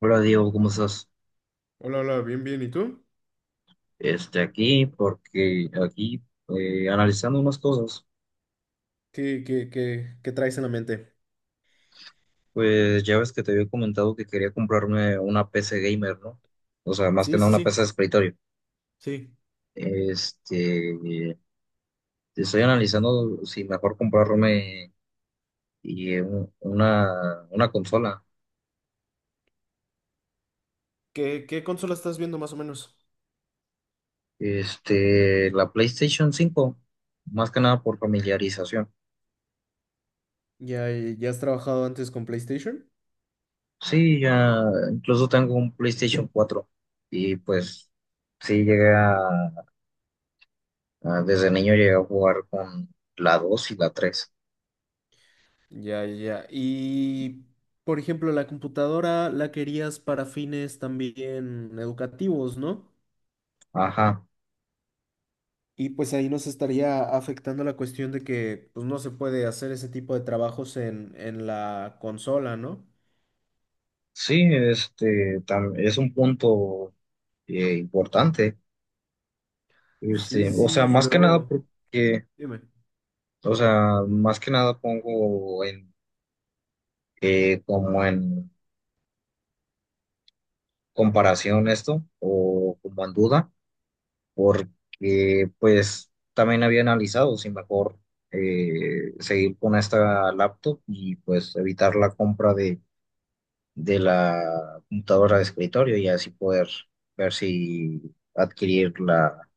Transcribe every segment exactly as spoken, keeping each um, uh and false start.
Hola Diego, ¿cómo estás? Hola, hola, bien, bien. ¿Y tú? Este, aquí, porque aquí eh, analizando unas cosas. ¿Qué, qué, qué, qué traes en la mente? Pues ya ves que te había comentado que quería comprarme una P C gamer, ¿no? O sea, más que Sí, nada sí, una sí, P C de escritorio. sí. Este, eh, estoy analizando si mejor comprarme y, eh, un- una, una consola, ¿Qué, qué consola estás viendo más o menos? este, la PlayStation cinco, más que nada por familiarización. ¿Ya, ya has trabajado antes con PlayStation? Sí, ya incluso tengo un PlayStation cuatro y pues sí llegué a... Ah, desde niño llegué a jugar con la dos y la tres. Ya, ya. Ya. Y, por ejemplo, la computadora la querías para fines también educativos, ¿no? Ajá. Y pues ahí nos estaría afectando la cuestión de que pues no se puede hacer ese tipo de trabajos en, en la consola, ¿no? Sí, este tam- es un punto eh, importante. Sí, sí, Este, o sea, sí, y más que nada luego, porque, dime. o sea, más que nada pongo en eh, como en comparación esto o como en duda, porque pues también había analizado si mejor eh, seguir con esta laptop y pues evitar la compra de la computadora de escritorio y así poder ver si adquirir la,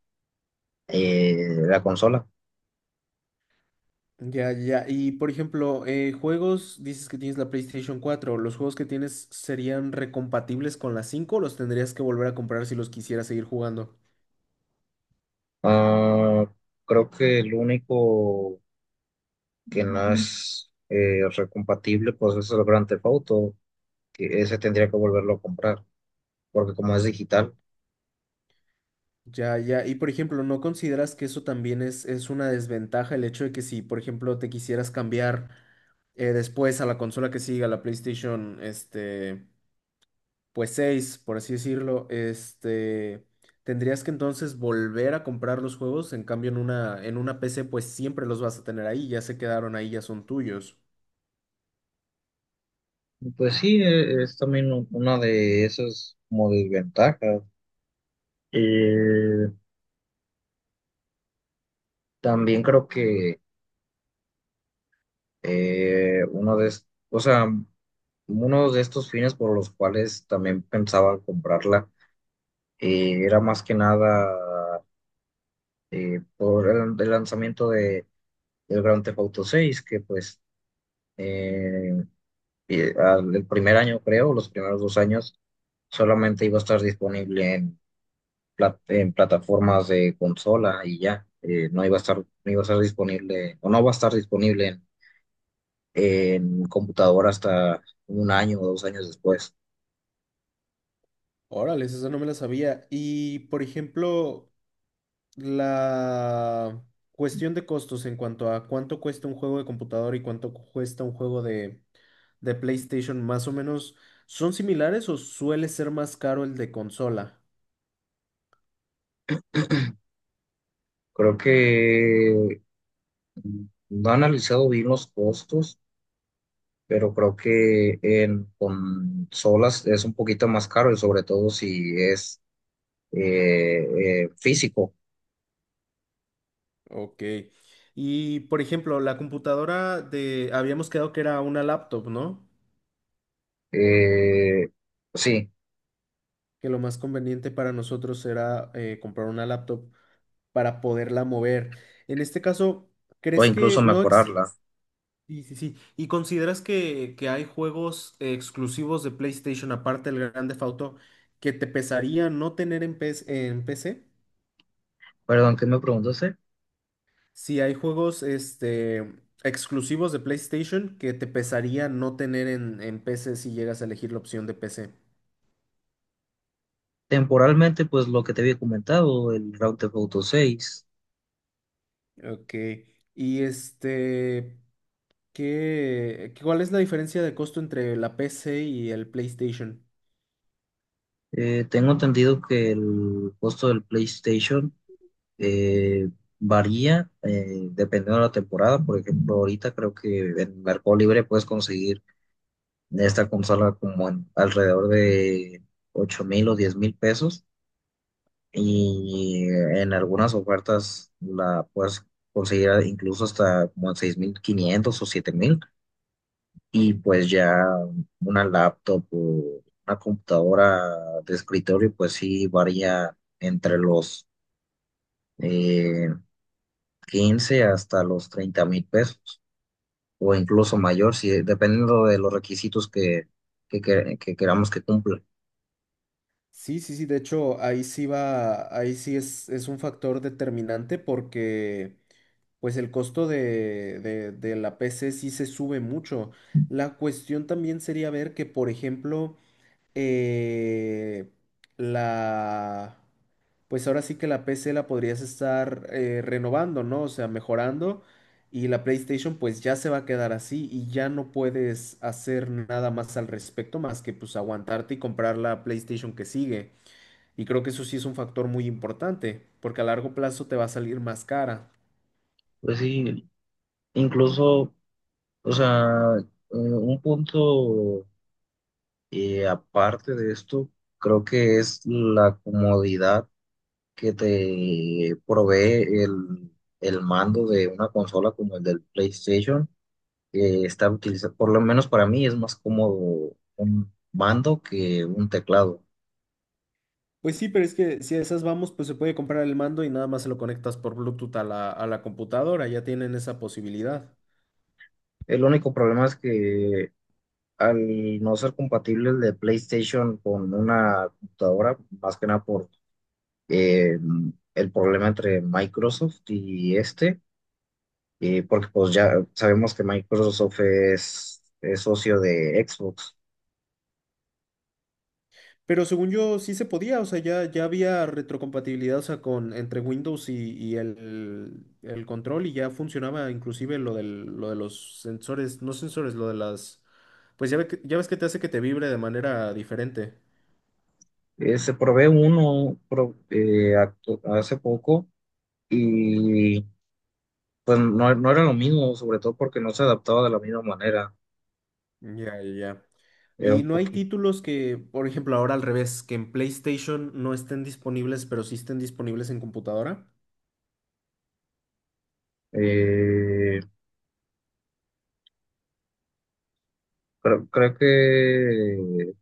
eh, la consola. Ya, ya. Y por ejemplo, eh, juegos, dices que tienes la PlayStation cuatro. ¿Los juegos que tienes serían recompatibles con la cinco o los tendrías que volver a comprar si los quisieras seguir jugando? Ah, creo que el único que no es eh, recompatible pues es el Grand Theft Auto, que ese tendría que volverlo a comprar, porque como es digital, Ya, ya. Y por ejemplo, ¿no consideras que eso también es, es una desventaja el hecho de que si, por ejemplo, te quisieras cambiar eh, después a la consola que siga, la PlayStation, este, pues seis, por así decirlo, este, tendrías que entonces volver a comprar los juegos, en cambio en una, en una P C pues siempre los vas a tener ahí, ya se quedaron ahí, ya son tuyos. pues sí, eh, es también u- una de esas como desventajas. Eh, también creo que... Eh, uno de, es- o sea, uno de estos fines por los cuales también pensaba comprarla eh, era más que nada eh, por el, el lanzamiento de el Grand Theft Auto seis, que pues eh, eh, al- el primer año, creo, los primeros dos años, solamente iba a estar disponible en, plat- en plataformas de consola. Y ya, eh, no iba a estar, no iba a estar disponible, o no va a estar disponible en, en computadora hasta un año o dos años después. Órale, esa no me la sabía. Y por ejemplo, la cuestión de costos en cuanto a cuánto cuesta un juego de computador y cuánto cuesta un juego de, de PlayStation, más o menos, ¿son similares o suele ser más caro el de consola? Creo que no he analizado bien los costos, pero creo que en consolas es un poquito más caro, y sobre todo si es eh, eh, físico. Ok. Y por ejemplo, la computadora de, habíamos quedado que era una laptop, ¿no? Eh, sí, Que lo más conveniente para nosotros era eh, comprar una laptop para poderla mover. En este caso, o ¿crees incluso que no exi-? mejorarla. Sí, sí, sí. ¿Y consideras que, que hay juegos exclusivos de PlayStation, aparte del Grand Theft Auto, que te pesaría no tener en, P S en P C? Perdón, ¿qué me preguntaste? ¿Si hay juegos este, exclusivos de PlayStation que te pesaría no tener en, en P C si llegas a elegir la opción de P C? Temporalmente, pues lo que te había comentado, el Grand Theft Auto seis. Ok. Y este, ¿qué, cuál es la diferencia de costo entre la P C y el PlayStation? Eh, tengo entendido que el costo del PlayStation... Eh, varía eh, dependiendo de la temporada. Por ejemplo, ahorita creo que en Mercado Libre puedes conseguir esta consola como en alrededor de ocho mil o diez mil pesos. Y en algunas ofertas la puedes conseguir incluso hasta como en seis mil quinientos o siete mil. Y pues ya una laptop o una computadora de escritorio, pues sí varía entre los eh, quince hasta los treinta mil pesos, o incluso mayor, si, dependiendo de los requisitos que, que, que- que queramos que cumpla. Sí, sí, sí, de hecho, ahí sí va, ahí sí es, es un factor determinante porque pues el costo de, de de la P C sí se sube mucho. La cuestión también sería ver que, por ejemplo, eh, la, pues ahora sí que la P C la podrías estar eh, renovando, ¿no? O sea, mejorando. Y la PlayStation pues ya se va a quedar así y ya no puedes hacer nada más al respecto más que pues aguantarte y comprar la PlayStation que sigue. Y creo que eso sí es un factor muy importante, porque a largo plazo te va a salir más cara. Pues sí, incluso, o sea, eh, un punto eh, aparte de esto, creo que es la comodidad que te provee el, el mando de una consola como el del PlayStation, que está utilizado, por lo menos para mí es más cómodo un mando que un teclado. Pues sí, pero es que si a esas vamos, pues se puede comprar el mando y nada más se lo conectas por Bluetooth a la, a la computadora, ya tienen esa posibilidad. El único problema es que al no ser compatible el de PlayStation con una computadora, más que nada por eh, el problema entre Microsoft y este, eh, porque pues ya sabemos que Microsoft es, es socio de Xbox. Pero según yo sí se podía, o sea, ya, ya había retrocompatibilidad, o sea, con, entre Windows y, y el, el control y ya funcionaba inclusive lo del, lo de los sensores, no sensores, lo de las. Pues ya, ve que- ya ves que te hace que te vibre de manera diferente. Eh, se probé uno pro- eh, actu- hace poco, y pues no, no era lo mismo, sobre todo porque no se adaptaba de la misma manera. Ya, ya, ya. Era Y un no hay poquito... títulos que, por ejemplo, ahora al revés, que en PlayStation no estén disponibles, pero sí estén disponibles en computadora. eh, Creo, creo que...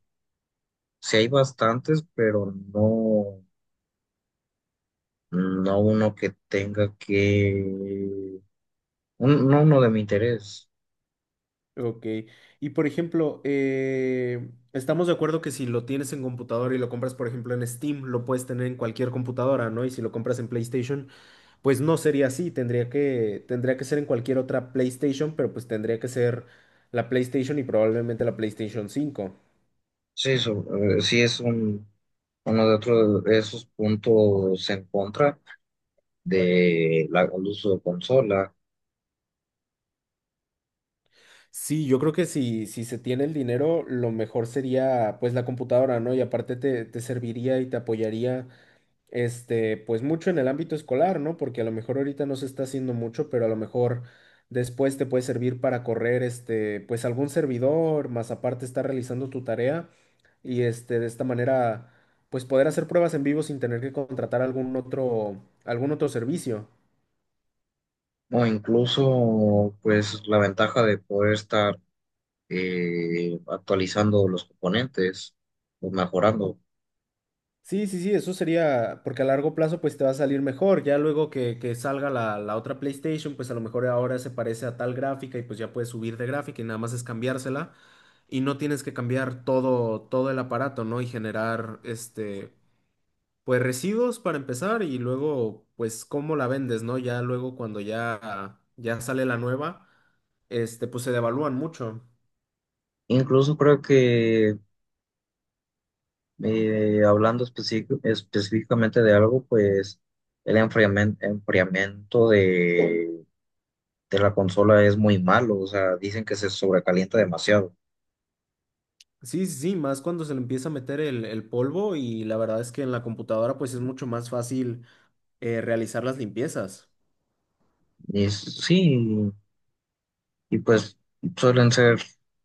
Sí hay bastantes, pero no, no uno que tenga que, un- no uno de mi interés. Ok. Y por ejemplo, eh, estamos de acuerdo que si lo tienes en computadora y lo compras, por ejemplo, en Steam, lo puedes tener en cualquier computadora, ¿no? Y si lo compras en PlayStation, pues no sería así. Tendría que, tendría que ser en cualquier otra PlayStation, pero pues tendría que ser la PlayStation y probablemente la PlayStation cinco. Sí, so- eh, sí es un, uno de otros de esos puntos en contra de la, el uso de consola, Sí, yo creo que si, si se tiene el dinero, lo mejor sería pues la computadora, ¿no? Y aparte te, te serviría y te apoyaría este, pues mucho en el ámbito escolar, ¿no? Porque a lo mejor ahorita no se está haciendo mucho, pero a lo mejor después te puede servir para correr este, pues algún servidor, más aparte estar realizando tu tarea y este, de esta manera pues poder hacer pruebas en vivo sin tener que contratar algún otro, algún otro servicio. o incluso pues la ventaja de poder estar eh, actualizando los componentes o mejorando. Sí, sí, sí, eso sería, porque a largo plazo pues te va a salir mejor, ya luego que, que salga la, la otra PlayStation, pues a lo mejor ahora se parece a tal gráfica y pues ya puedes subir de gráfica y nada más es cambiársela y no tienes que cambiar todo, todo el aparato, ¿no? Y generar, este, pues residuos para empezar y luego pues cómo la vendes, ¿no? Ya luego cuando ya, ya sale la nueva, este, pues se devalúan mucho. Incluso creo que... Eh, hablando específic- específicamente de algo, pues el enfriamen- enfriamiento de, de la consola es muy malo, o sea, dicen que se sobrecalienta demasiado. Sí, sí, sí, más cuando se le empieza a meter el, el polvo y la verdad es que en la computadora pues es mucho más fácil eh, realizar las limpiezas. Y s- sí, y pues suelen ser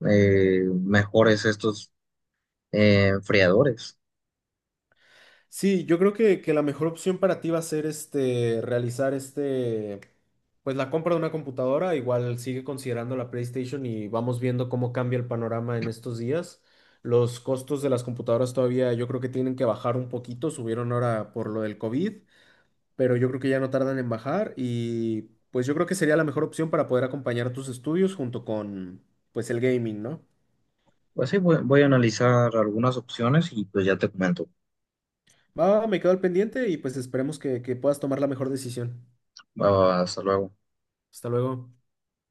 eh, mejores estos eh, enfriadores. Sí, yo creo que, que la mejor opción para ti va a ser este, realizar este, pues la compra de una computadora. Igual sigue considerando la PlayStation y vamos viendo cómo cambia el panorama en estos días. Los costos de las computadoras todavía yo creo que tienen que bajar un poquito, subieron ahora por lo del COVID, pero yo creo que ya no tardan en bajar y pues yo creo que sería la mejor opción para poder acompañar tus estudios junto con pues el gaming, ¿no? Pues sí, voy, voy a analizar algunas opciones y pues ya te comento. Va, me quedo al pendiente y pues esperemos que, que puedas tomar la mejor decisión. Ah, hasta luego. Hasta luego.